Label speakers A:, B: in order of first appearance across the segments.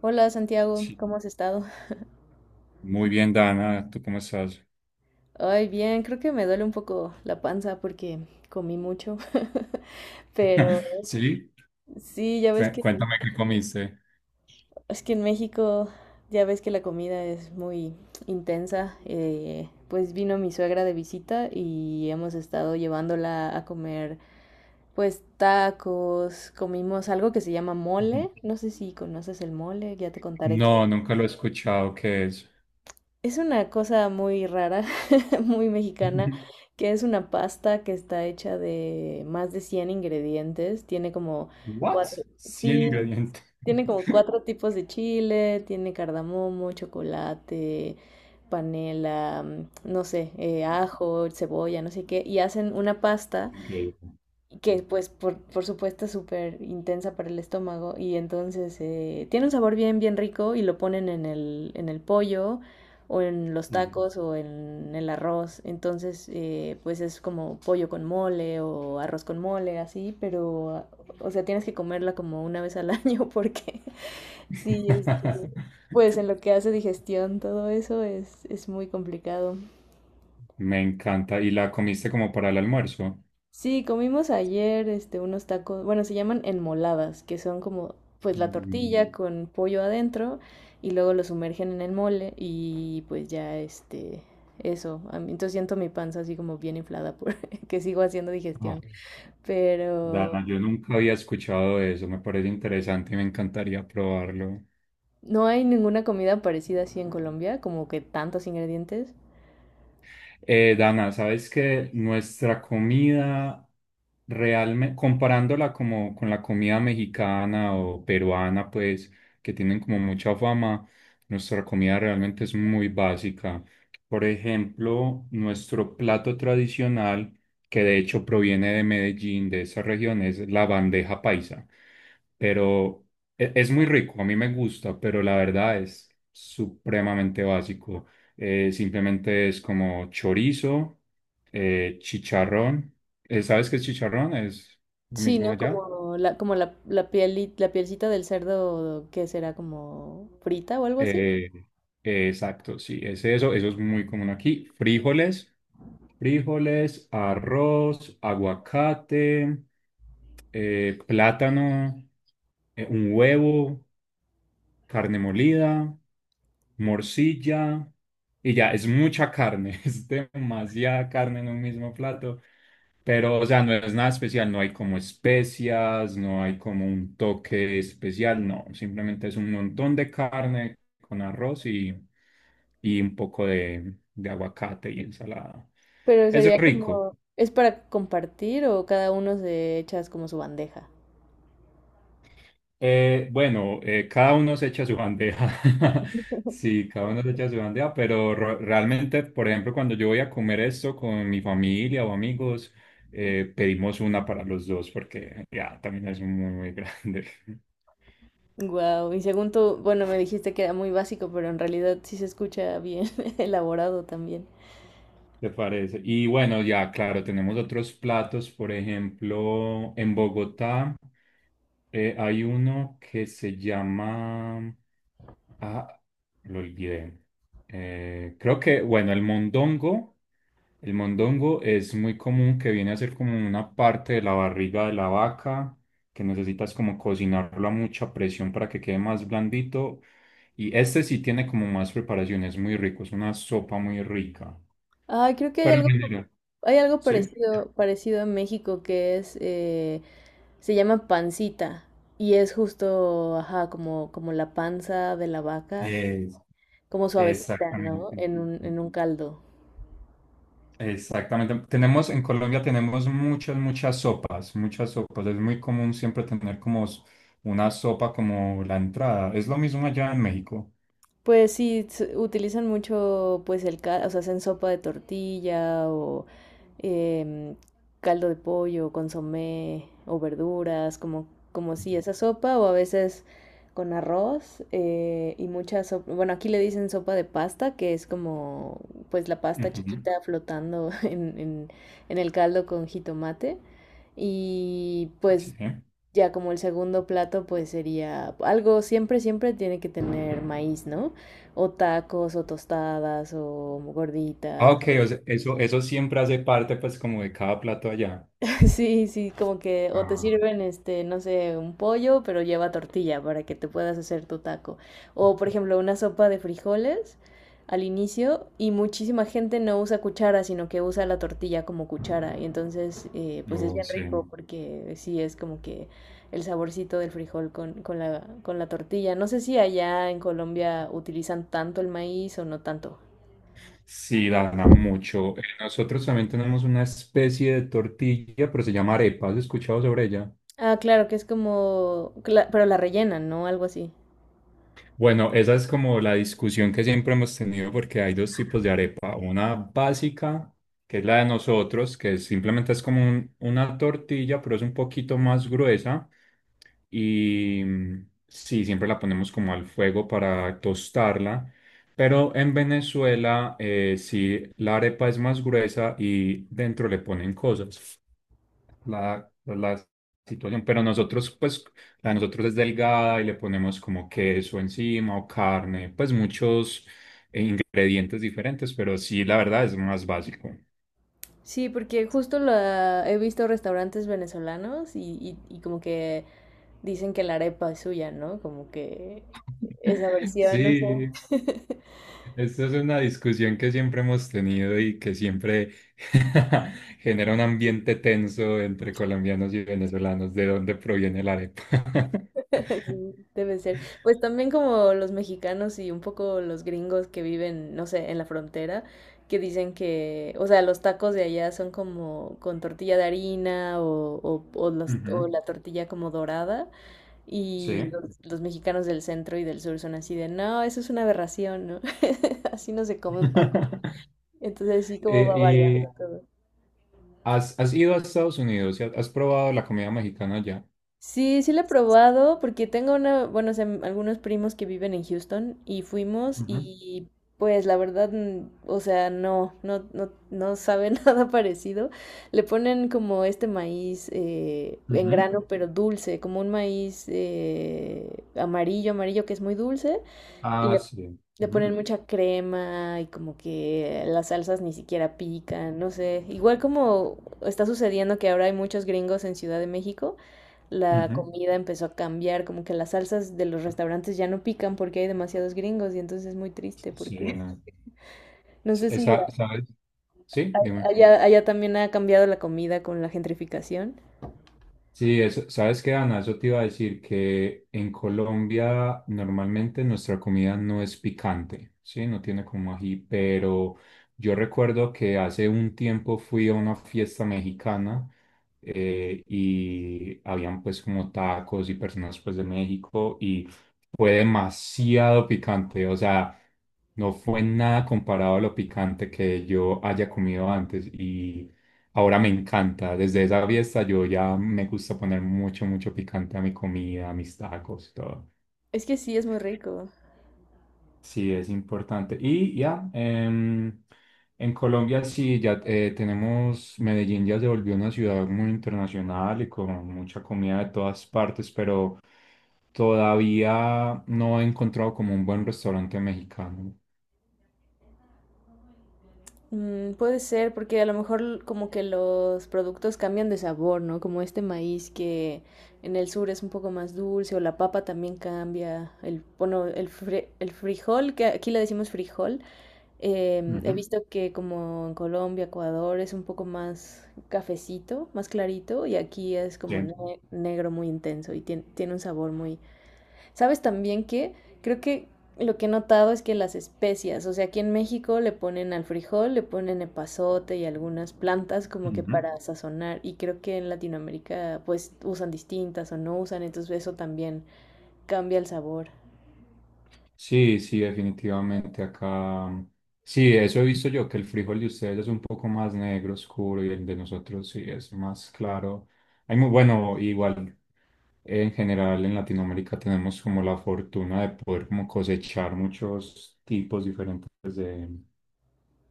A: Hola Santiago, ¿cómo
B: Sí.
A: has estado?
B: Muy bien, Dana, ¿tú cómo estás?
A: Ay, bien, creo que me duele un poco la panza porque comí mucho, pero
B: Sí,
A: sí, ya ves que
B: Cuéntame qué comiste.
A: es que en México ya ves que la comida es muy intensa. Pues vino mi suegra de visita y hemos estado llevándola a comer pues tacos, comimos algo que se llama
B: Ujú.
A: mole, no sé si conoces el mole, ya te contaré.
B: No, nunca lo he escuchado, ¿qué es?
A: Es una cosa muy rara, muy mexicana, que es una pasta que está hecha de más de 100 ingredientes. Tiene como
B: What?
A: cuatro,
B: 100
A: sí,
B: ingredientes.
A: tiene como cuatro tipos de chile, tiene cardamomo, chocolate, panela, no sé, ajo, cebolla, no sé qué, y hacen una pasta
B: Ok.
A: que pues por supuesto es súper intensa para el estómago y entonces tiene un sabor bien, bien rico y lo ponen en el pollo o en los
B: Ujú.
A: tacos o en el arroz. Entonces, pues es como pollo con mole o arroz con mole así, pero o sea tienes que comerla como una vez al año porque sí, pues en lo que hace digestión todo eso es muy complicado.
B: Me encanta. ¿Y la comiste como para el almuerzo?
A: Sí, comimos ayer unos tacos, bueno, se llaman enmoladas, que son como pues la
B: Mm.
A: tortilla con pollo adentro y luego lo sumergen en el mole y pues ya eso, entonces siento mi panza así como bien inflada por que sigo haciendo
B: Ah,
A: digestión, pero
B: Dana, yo nunca había escuchado de eso, me parece interesante y me encantaría probarlo.
A: no hay ninguna comida parecida así en Colombia, como que tantos ingredientes.
B: Dana, sabes que nuestra comida realmente, comparándola como con la comida mexicana o peruana, pues, que tienen como mucha fama, nuestra comida realmente es muy básica. Por ejemplo, nuestro plato tradicional, que de hecho proviene de Medellín, de esa región, es la bandeja paisa. Pero es muy rico, a mí me gusta, pero la verdad es supremamente básico. Simplemente es como chorizo, chicharrón. ¿Sabes qué es chicharrón? Es lo
A: Sí,
B: mismo
A: ¿no?
B: allá.
A: Como la piel, la pielcita del cerdo que será como frita o algo así.
B: Eh, exacto, sí, es eso. Eso es muy común aquí. Frijoles, arroz, aguacate, plátano, un huevo, carne molida, morcilla. Y ya, es mucha carne, es demasiada carne en un mismo plato. Pero, o sea, no es nada especial, no hay como especias, no hay como un toque especial, no, simplemente es un montón de carne con arroz y un poco de aguacate y ensalada.
A: Pero
B: Es
A: sería
B: rico.
A: como, ¿es para compartir o cada uno se echa como su bandeja?
B: Bueno, cada uno se echa su bandeja. Sí, cada uno se echa su bandeja, pero realmente, por ejemplo, cuando yo voy a comer esto con mi familia o amigos, pedimos una para los dos porque ya también es muy, muy grande.
A: Wow, y según tú, bueno, me dijiste que era muy básico, pero en realidad sí se escucha bien elaborado también.
B: ¿Te parece? Y bueno, ya, claro, tenemos otros platos. Por ejemplo, en Bogotá hay uno que se llama... Ah, lo olvidé. Creo que, bueno, el mondongo. El mondongo es muy común, que viene a ser como una parte de la barriga de la vaca, que necesitas como cocinarlo a mucha presión para que quede más blandito. Y este sí tiene como más preparación, es muy rico, es una sopa muy rica.
A: Ay, creo que
B: Pero en general,
A: hay algo
B: ¿sí?
A: parecido, parecido a México que es, se llama pancita y es justo, ajá, como la panza de la vaca,
B: Es-
A: como suavecita, ¿no?
B: exactamente.
A: En un caldo.
B: Exactamente. Tenemos, en Colombia tenemos muchas, muchas sopas, muchas sopas. Es muy común siempre tener como una sopa como la entrada. Es lo mismo allá en México.
A: Pues sí, utilizan mucho pues el caldo, o sea, hacen sopa de tortilla o em, caldo de pollo, consomé o verduras, como si esa sopa o a veces con arroz, y mucha sopa, bueno, aquí le dicen sopa de pasta, que es como pues la pasta
B: Ujú.
A: chiquita flotando en el caldo con jitomate y
B: Sí.
A: pues ya como el segundo plato pues sería algo, siempre, siempre tiene que tener maíz, ¿no? O tacos o tostadas o
B: Ah,
A: gorditas.
B: ok, o sea, eso siempre hace parte pues como de cada plato allá.
A: Sí, sí, como que o te
B: Ah,
A: sirven no sé, un pollo, pero lleva tortilla para que te puedas hacer tu taco. O por ejemplo, una sopa de frijoles al inicio y muchísima gente no usa cuchara, sino que usa la tortilla como cuchara. Y entonces, pues es
B: no
A: bien
B: sé.
A: rico porque sí es como que el saborcito del frijol con la tortilla. No sé si allá en Colombia utilizan tanto el maíz o no tanto.
B: Sí, Dana, mucho. Nosotros también tenemos una especie de tortilla, pero se llama arepa. ¿Has escuchado sobre ella?
A: Ah, claro, que es como, pero la rellenan, ¿no? Algo así.
B: Bueno, esa es como la discusión que siempre hemos tenido porque hay dos tipos de arepa. Una básica, que es la de nosotros, que simplemente es como una tortilla, pero es un poquito más gruesa. Y mm, sí, siempre la ponemos como al fuego para tostarla. Pero en Venezuela, sí, la arepa es más gruesa y dentro le ponen cosas la situación, pero nosotros, pues, la de nosotros es delgada y le ponemos como queso encima o carne, pues muchos eh, ingredientes diferentes, pero sí, la verdad es más básico.
A: Sí, porque justo la he visto restaurantes venezolanos y como que dicen que la arepa es suya, ¿no? Como que esa versión, no sé.
B: Sí, esta es una discusión que siempre hemos tenido y que siempre genera un ambiente tenso entre colombianos y venezolanos, de dónde proviene la arepa.
A: Sí, debe ser. Pues también como los mexicanos y un poco los gringos que viven, no sé, en la frontera, que dicen que, o sea, los tacos de allá son como con tortilla de harina o
B: Ujú,
A: la tortilla como dorada.
B: sí.
A: Y los, los mexicanos del centro y del sur son así de, no, eso es una aberración, ¿no? Así no se come un taco. Entonces sí como va variando
B: Eh,
A: todo.
B: ¿has, has ido a Estados Unidos y has, has probado la comida mexicana allá?
A: Sí, sí lo he probado porque tengo una, bueno, o sea, algunos primos que viven en Houston y fuimos
B: Ujú,
A: y pues la verdad, mm, o sea, no sabe nada parecido. Le ponen como este maíz, en
B: ujú,
A: grano pero dulce, como un maíz, amarillo, amarillo que es muy dulce.
B: ah, sí.
A: De poner
B: Ujú.
A: mucha crema y como que las salsas ni siquiera pican, no sé. Igual como está sucediendo que ahora hay muchos gringos en Ciudad de México, la
B: Ujú.
A: comida empezó a cambiar, como que las salsas de los restaurantes ya no pican porque hay demasiados gringos y entonces es muy triste
B: Sí,
A: porque
B: no.
A: no sé si
B: ¿Sabes? Sí, dime.
A: allá, allá también ha cambiado la comida con la gentrificación.
B: Sí, eso, ¿sabes qué, Ana? Eso te iba a decir que en Colombia normalmente nuestra comida no es picante, ¿sí? No tiene como ají, pero yo recuerdo que hace un tiempo fui a una fiesta mexicana y habían pues como tacos y personas pues de México y fue demasiado picante, o sea, no fue nada comparado a lo picante que yo haya comido antes y ahora me encanta. Desde esa fiesta yo ya me gusta poner mucho, mucho picante a mi comida, a mis tacos, y todo.
A: Es que sí, es muy rico.
B: Sí, es importante. Y ya, en Colombia sí, ya tenemos, Medellín ya se volvió una ciudad muy internacional y con mucha comida de todas partes, pero todavía no he encontrado como un buen restaurante mexicano.
A: Mm, puede ser, porque a lo mejor como que los productos cambian de sabor, ¿no? Como este maíz que en el sur es un poco más dulce, o la papa también cambia. El frijol, que aquí le decimos frijol, he
B: Ujú,
A: visto que como en Colombia, Ecuador es un poco más cafecito, más clarito, y aquí es como
B: sí.
A: negro muy intenso y tiene un sabor muy... ¿Sabes también que creo que lo que he notado es que las especias, o sea, aquí en México le ponen al frijol, le ponen epazote y algunas plantas como que
B: Ujú.
A: para sazonar y creo que en Latinoamérica pues usan distintas o no usan, entonces eso también cambia el sabor?
B: Sí, sí, definitivamente acá. Sí, eso he visto yo, que el frijol de ustedes es un poco más negro, oscuro, y el de nosotros sí es más claro. Hay muy bueno, igual en general en Latinoamérica tenemos como la fortuna de poder como cosechar muchos tipos diferentes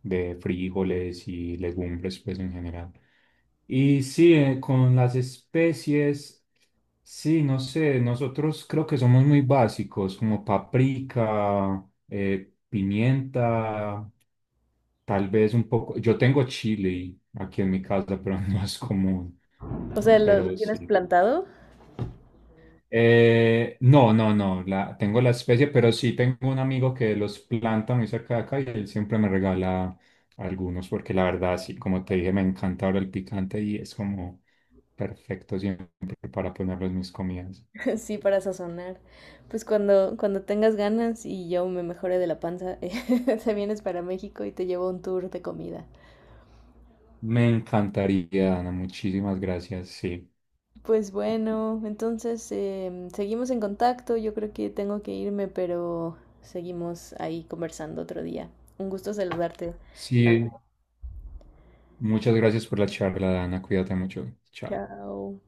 B: de frijoles y legumbres, pues en general. Y sí, con las especies, sí, no sé, nosotros creo que somos muy básicos, como paprika, pimienta, tal vez un poco. Yo tengo chile aquí en mi casa, pero no es común,
A: O sea, lo
B: pero
A: tienes
B: sí.
A: plantado.
B: No, no, no, tengo la especie, pero sí tengo un amigo que los planta muy cerca de acá y él siempre me regala algunos porque la verdad, sí, como te dije, me encanta ahora el picante y es como perfecto siempre para ponerlo en mis comidas.
A: Sí, para sazonar. Pues cuando tengas ganas y yo me mejore de la panza, te vienes para México y te llevo un tour de comida.
B: Me encantaría, Dana, muchísimas gracias, sí.
A: Pues bueno, entonces seguimos en contacto. Yo creo que tengo que irme, pero seguimos ahí conversando otro día. Un gusto saludarte.
B: Sí, muchas gracias por la charla, Dana, cuídate mucho, chao.
A: Chao.